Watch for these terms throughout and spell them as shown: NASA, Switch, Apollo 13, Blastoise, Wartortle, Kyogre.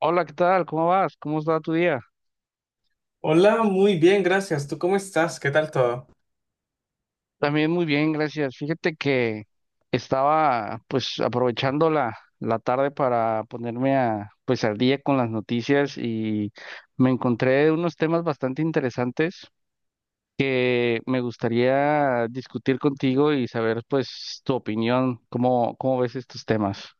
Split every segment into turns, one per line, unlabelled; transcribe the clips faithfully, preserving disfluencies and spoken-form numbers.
Hola, ¿qué tal? ¿Cómo vas? ¿Cómo está tu día?
Hola, muy bien, gracias. ¿Tú cómo estás? ¿Qué tal todo?
También muy bien, gracias. Fíjate que estaba, pues, aprovechando la, la tarde para ponerme a, pues, al día con las noticias y me encontré unos temas bastante interesantes. Eh, me gustaría discutir contigo y saber, pues, tu opinión, cómo, cómo ves estos temas.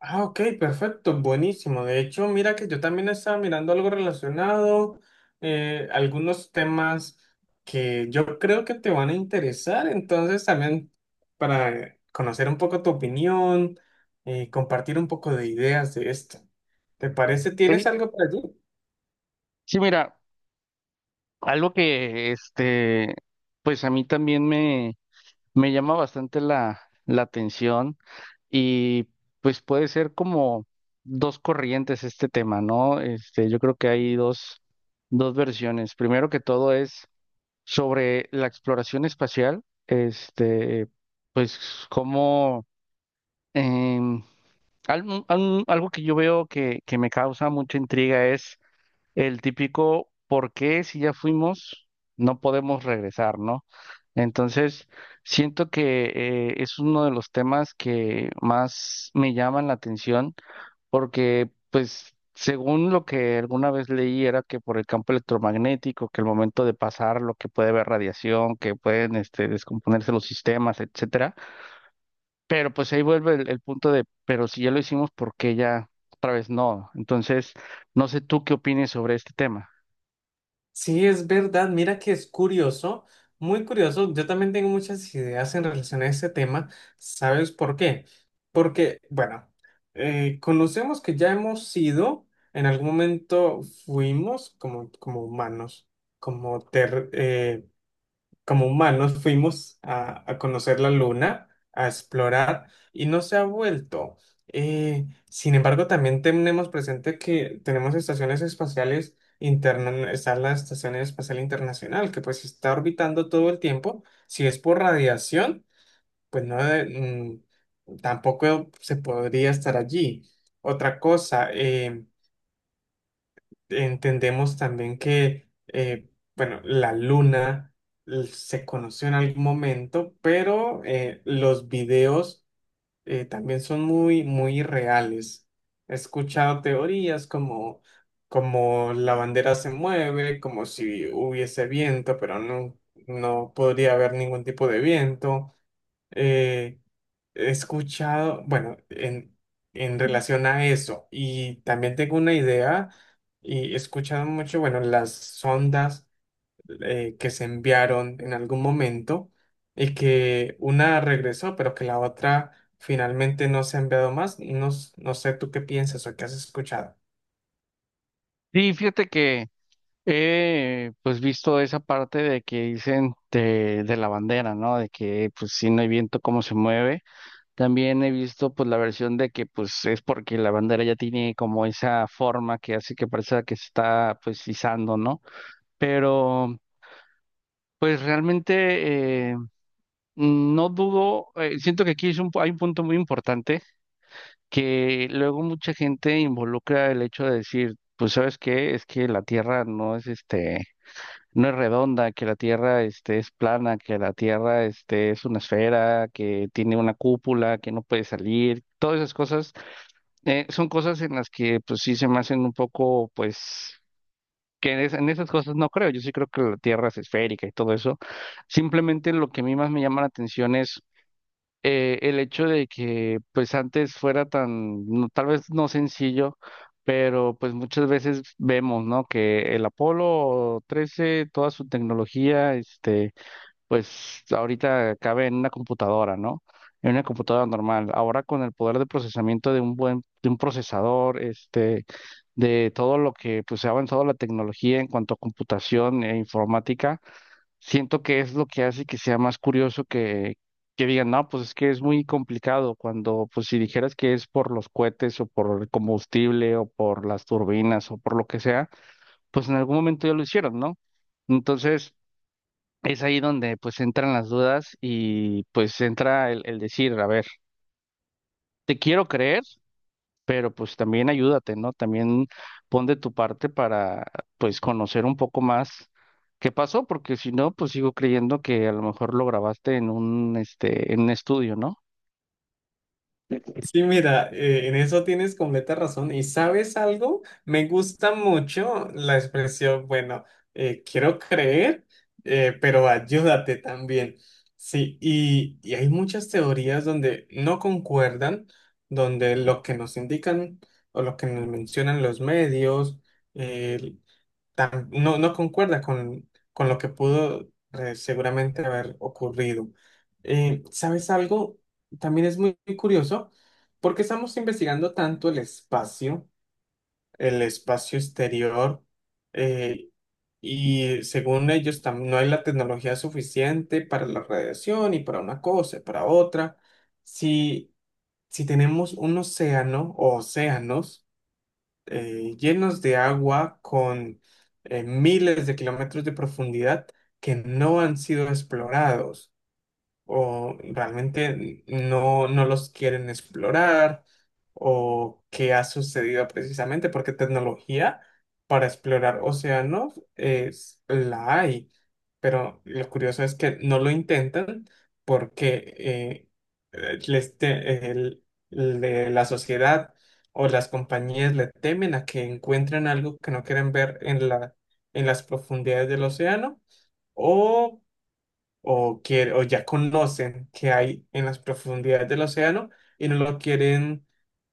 Ah, ok, perfecto, buenísimo. De hecho, mira que yo también estaba mirando algo relacionado, eh, algunos temas que yo creo que te van a interesar. Entonces, también para conocer un poco tu opinión, eh, compartir un poco de ideas de esto. ¿Te parece? ¿Tienes
Sí,
algo para allí?
sí, mira, algo que, este, pues a mí también me llama bastante la, la atención, y pues puede ser como dos corrientes este tema, ¿no? Este, yo creo que hay dos, dos versiones. Primero que todo es sobre la exploración espacial, este, pues como, em, algo, algo que yo veo que, que me causa mucha intriga es el típico ¿por qué si ya fuimos no podemos regresar? ¿No? Entonces, siento que eh, es uno de los temas que más me llaman la atención porque, pues, según lo que alguna vez leí, era que por el campo electromagnético, que el momento de pasar, lo que puede haber radiación, que pueden, este, descomponerse los sistemas, etcétera. Pero pues ahí vuelve el, el punto de, pero si ya lo hicimos, ¿por qué ya otra vez no? Entonces, no sé tú qué opines sobre este tema.
Sí, es verdad. Mira que es curioso, muy curioso. Yo también tengo muchas ideas en relación a este tema. ¿Sabes por qué? Porque, bueno, eh, conocemos que ya hemos sido, en algún momento fuimos como, como humanos, como como humanos fuimos a, a conocer la luna, a explorar, y no se ha vuelto. Eh, sin embargo, también tenemos presente que tenemos estaciones espaciales internas, está la Estación Espacial Internacional, que pues está orbitando todo el tiempo. Si es por radiación, pues no, de- mm, tampoco se podría estar allí. Otra cosa. eh, Entendemos también que, eh, bueno, la luna l- se conoció en algún momento, pero eh, los videos eh, también son muy, muy reales. He escuchado teorías como, como la bandera se mueve, como si hubiese viento, pero no, no podría haber ningún tipo de viento. eh, He escuchado, bueno, en, en relación a eso, y también tengo una idea, y he escuchado mucho, bueno, las sondas eh, que se enviaron en algún momento, y que una regresó, pero que la otra finalmente no se ha enviado más. No, s- no sé tú qué piensas o qué has escuchado.
Sí, fíjate que he, pues, visto esa parte de que dicen de, de la bandera, ¿no? De que pues si no hay viento, cómo se mueve. También he visto, pues, la versión de que pues es porque la bandera ya tiene como esa forma que hace que parezca que se está, pues, izando, ¿no? Pero pues realmente, eh, no dudo, eh, siento que aquí es un, pu- hay un punto muy importante que luego mucha gente involucra el hecho de decir, pues, ¿sabes qué? Es que la tierra no es este, no es redonda, que la Tierra, este, es plana, que la Tierra, este, es una esfera, que tiene una cúpula, que no puede salir, todas esas cosas. Eh, son cosas en las que, pues, sí se me hacen un poco, pues, que en, es- en esas cosas no creo. Yo sí creo que la Tierra es esférica y todo eso. Simplemente lo que a mí más me llama la atención es, eh, el hecho de que pues antes fuera tan, no- tal vez no sencillo, pero pues muchas veces vemos, ¿no?, que el Apolo trece, toda su tecnología, este, pues ahorita cabe en una computadora, ¿no? En una computadora normal. Ahora con el poder de procesamiento de un buen, de un procesador, este, de todo lo que pues se ha avanzado la tecnología en cuanto a computación e informática, siento que es lo que hace que sea más curioso, que, que digan, no, pues es que es muy complicado cuando, pues si dijeras que es por los cohetes o por el combustible o por las turbinas o por lo que sea, pues en algún momento ya lo hicieron, ¿no? Entonces es ahí donde pues entran las dudas y pues entra el, el decir, a ver, te quiero creer, pero pues también ayúdate, ¿no? También pon de tu parte para pues conocer un poco más qué pasó, porque si no, pues sigo creyendo que a lo mejor lo grabaste en un, este, en un estudio, ¿no?
Sí, mira, eh, en eso tienes completa razón. ¿Y sabes algo? Me gusta mucho la expresión, bueno, eh, quiero creer, eh, pero ayúdate también. Sí, y, y hay muchas teorías donde no concuerdan, donde lo que nos indican o lo que nos mencionan los medios, eh, tam- no, no concuerda con, con lo que pudo eh, seguramente haber ocurrido. Eh, ¿sabes algo? También es muy, muy curioso porque estamos investigando tanto el espacio, el espacio exterior, eh, y según ellos tam- no hay la tecnología suficiente para la radiación y para una cosa y para otra. Si, si tenemos un océano o océanos, eh, llenos de agua con eh, miles de kilómetros de profundidad que no han sido explorados o realmente no, no los quieren explorar, o qué ha sucedido precisamente, porque tecnología para explorar océanos es, la hay, pero lo curioso es que no lo intentan porque eh, eh, les te- el- le- la sociedad o las compañías le temen a que encuentren algo que no quieren ver en la, en las profundidades del océano. O o, quiere- o ya conocen que hay en las profundidades del océano y no lo quieren,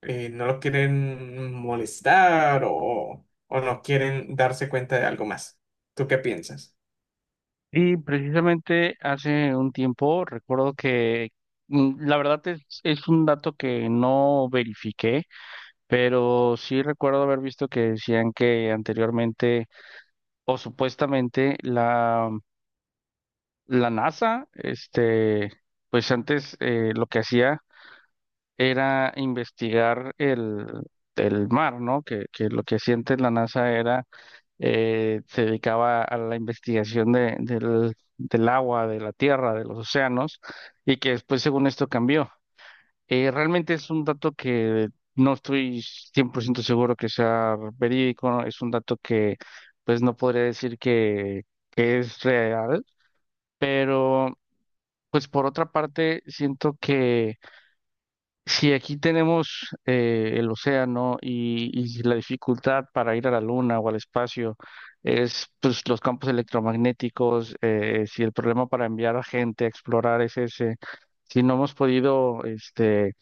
eh, no lo quieren molestar o, o no quieren darse cuenta de algo más. ¿Tú qué piensas?
Y precisamente hace un tiempo recuerdo que, mm, la verdad es, es un dato que no verifiqué, pero sí recuerdo haber visto que decían que anteriormente o supuestamente la la NASA, este, pues antes, eh, lo que hacía era investigar el, el mar, ¿no? Que, que lo que hacía antes la NASA era, eh, se dedicaba a la investigación de, del, del agua, de la tierra, de los océanos, y que después, según esto, cambió. Eh, realmente es un dato que no estoy cien por ciento seguro que sea verídico, ¿no? Es un dato que, pues, no podría decir que, que es real, pero, pues, por otra parte, siento que si aquí tenemos, eh, el océano, y, y la dificultad para ir a la luna o al espacio es, pues, los campos electromagnéticos. Eh, si el problema para enviar a gente a explorar es ese, si no hemos podido, este,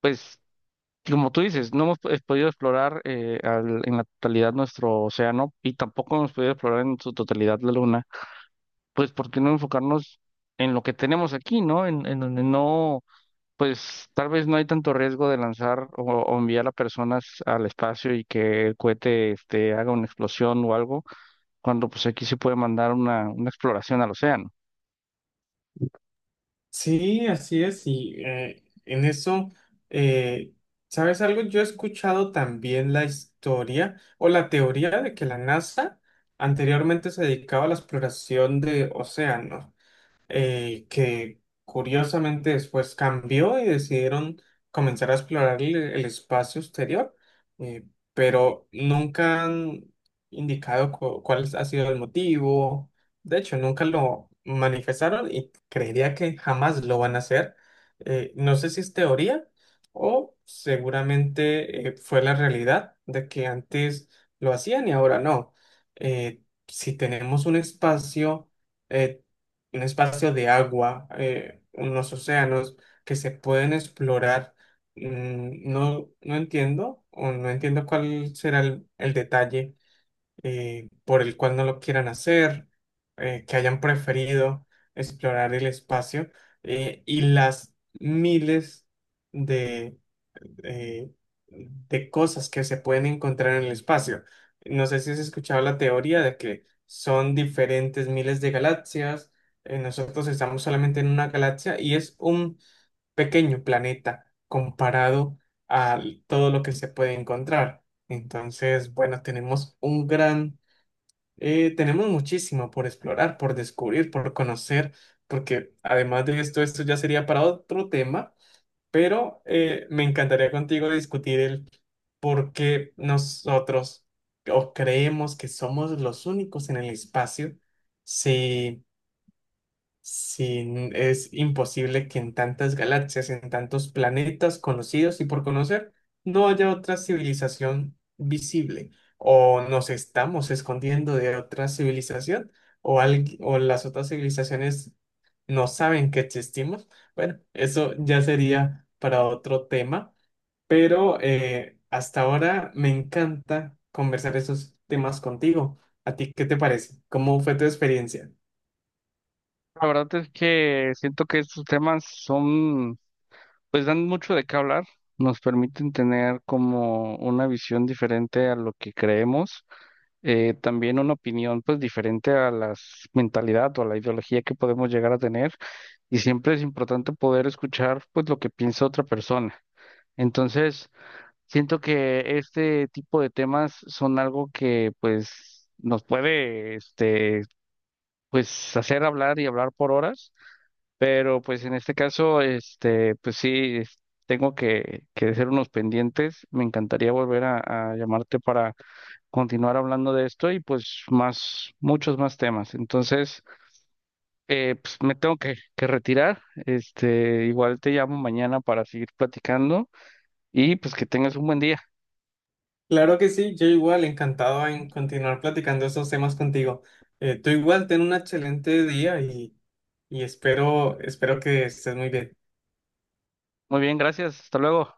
pues como tú dices, no hemos, pues, podido explorar, eh, al- en la totalidad nuestro océano, y tampoco hemos podido explorar en su totalidad la luna, pues ¿por qué no enfocarnos en lo que tenemos aquí? ¿No? En, en donde no, pues tal vez no hay tanto riesgo de lanzar o, o enviar a personas al espacio y que el cohete, este, haga una explosión o algo, cuando pues aquí se puede mandar una, una exploración al océano.
Sí, así es, y eh, en eso, eh, ¿sabes algo? Yo he escuchado también la historia o la teoría de que la NASA anteriormente se dedicaba a la exploración de océanos. Eh, que curiosamente después cambió y decidieron comenzar a explorar el, el espacio exterior, eh, pero nunca han indicado cu- cuál ha sido el motivo. De hecho, nunca lo manifestaron y creería que jamás lo van a hacer. Eh, no sé si es teoría o seguramente eh, fue la realidad de que antes lo hacían y ahora no. Eh, si tenemos un espacio eh, un espacio de agua, eh, unos océanos que se pueden explorar. Mm, no, no entiendo, o no entiendo cuál será el, el detalle eh, por el cual no lo quieran hacer, eh, que hayan preferido explorar el espacio eh, y las miles de eh, de cosas que se pueden encontrar en el espacio. No sé si has escuchado la teoría de que son diferentes miles de galaxias. Eh, nosotros estamos solamente en una galaxia y es un pequeño planeta comparado a todo lo que se puede encontrar. Entonces, bueno, tenemos un gran, eh, tenemos muchísimo por explorar, por descubrir, por conocer, porque además de esto, esto ya sería para otro tema, pero eh, me encantaría contigo discutir el por qué nosotros o creemos que somos los únicos en el espacio, si sí, es imposible que en tantas galaxias, en tantos planetas conocidos y por conocer, no haya otra civilización visible. O nos estamos escondiendo de otra civilización, o, algui- o las otras civilizaciones no saben que existimos. Bueno, eso ya sería para otro tema, pero eh, hasta ahora me encanta conversar esos temas contigo. ¿A ti qué te parece? ¿Cómo fue tu experiencia?
La verdad es que siento que estos temas son, pues, dan mucho de qué hablar, nos permiten tener como una visión diferente a lo que creemos. Eh, también una opinión pues diferente a la mentalidad o a la ideología que podemos llegar a tener, y siempre es importante poder escuchar pues lo que piensa otra persona. Entonces, siento que este tipo de temas son algo que pues nos puede, este, pues hacer hablar y hablar por horas, pero pues en este caso, este, pues sí es- tengo que que hacer unos pendientes. Me encantaría volver a, a llamarte para continuar hablando de esto y pues más, muchos más temas. Entonces, eh, pues me tengo que, que retirar. Este, igual te llamo mañana para seguir platicando, y pues que tengas un buen día.
Claro que sí, yo igual encantado en continuar platicando esos temas contigo. Eh, tú igual ten un excelente día y, y espero, espero que estés muy bien.
Muy bien, gracias. Hasta luego.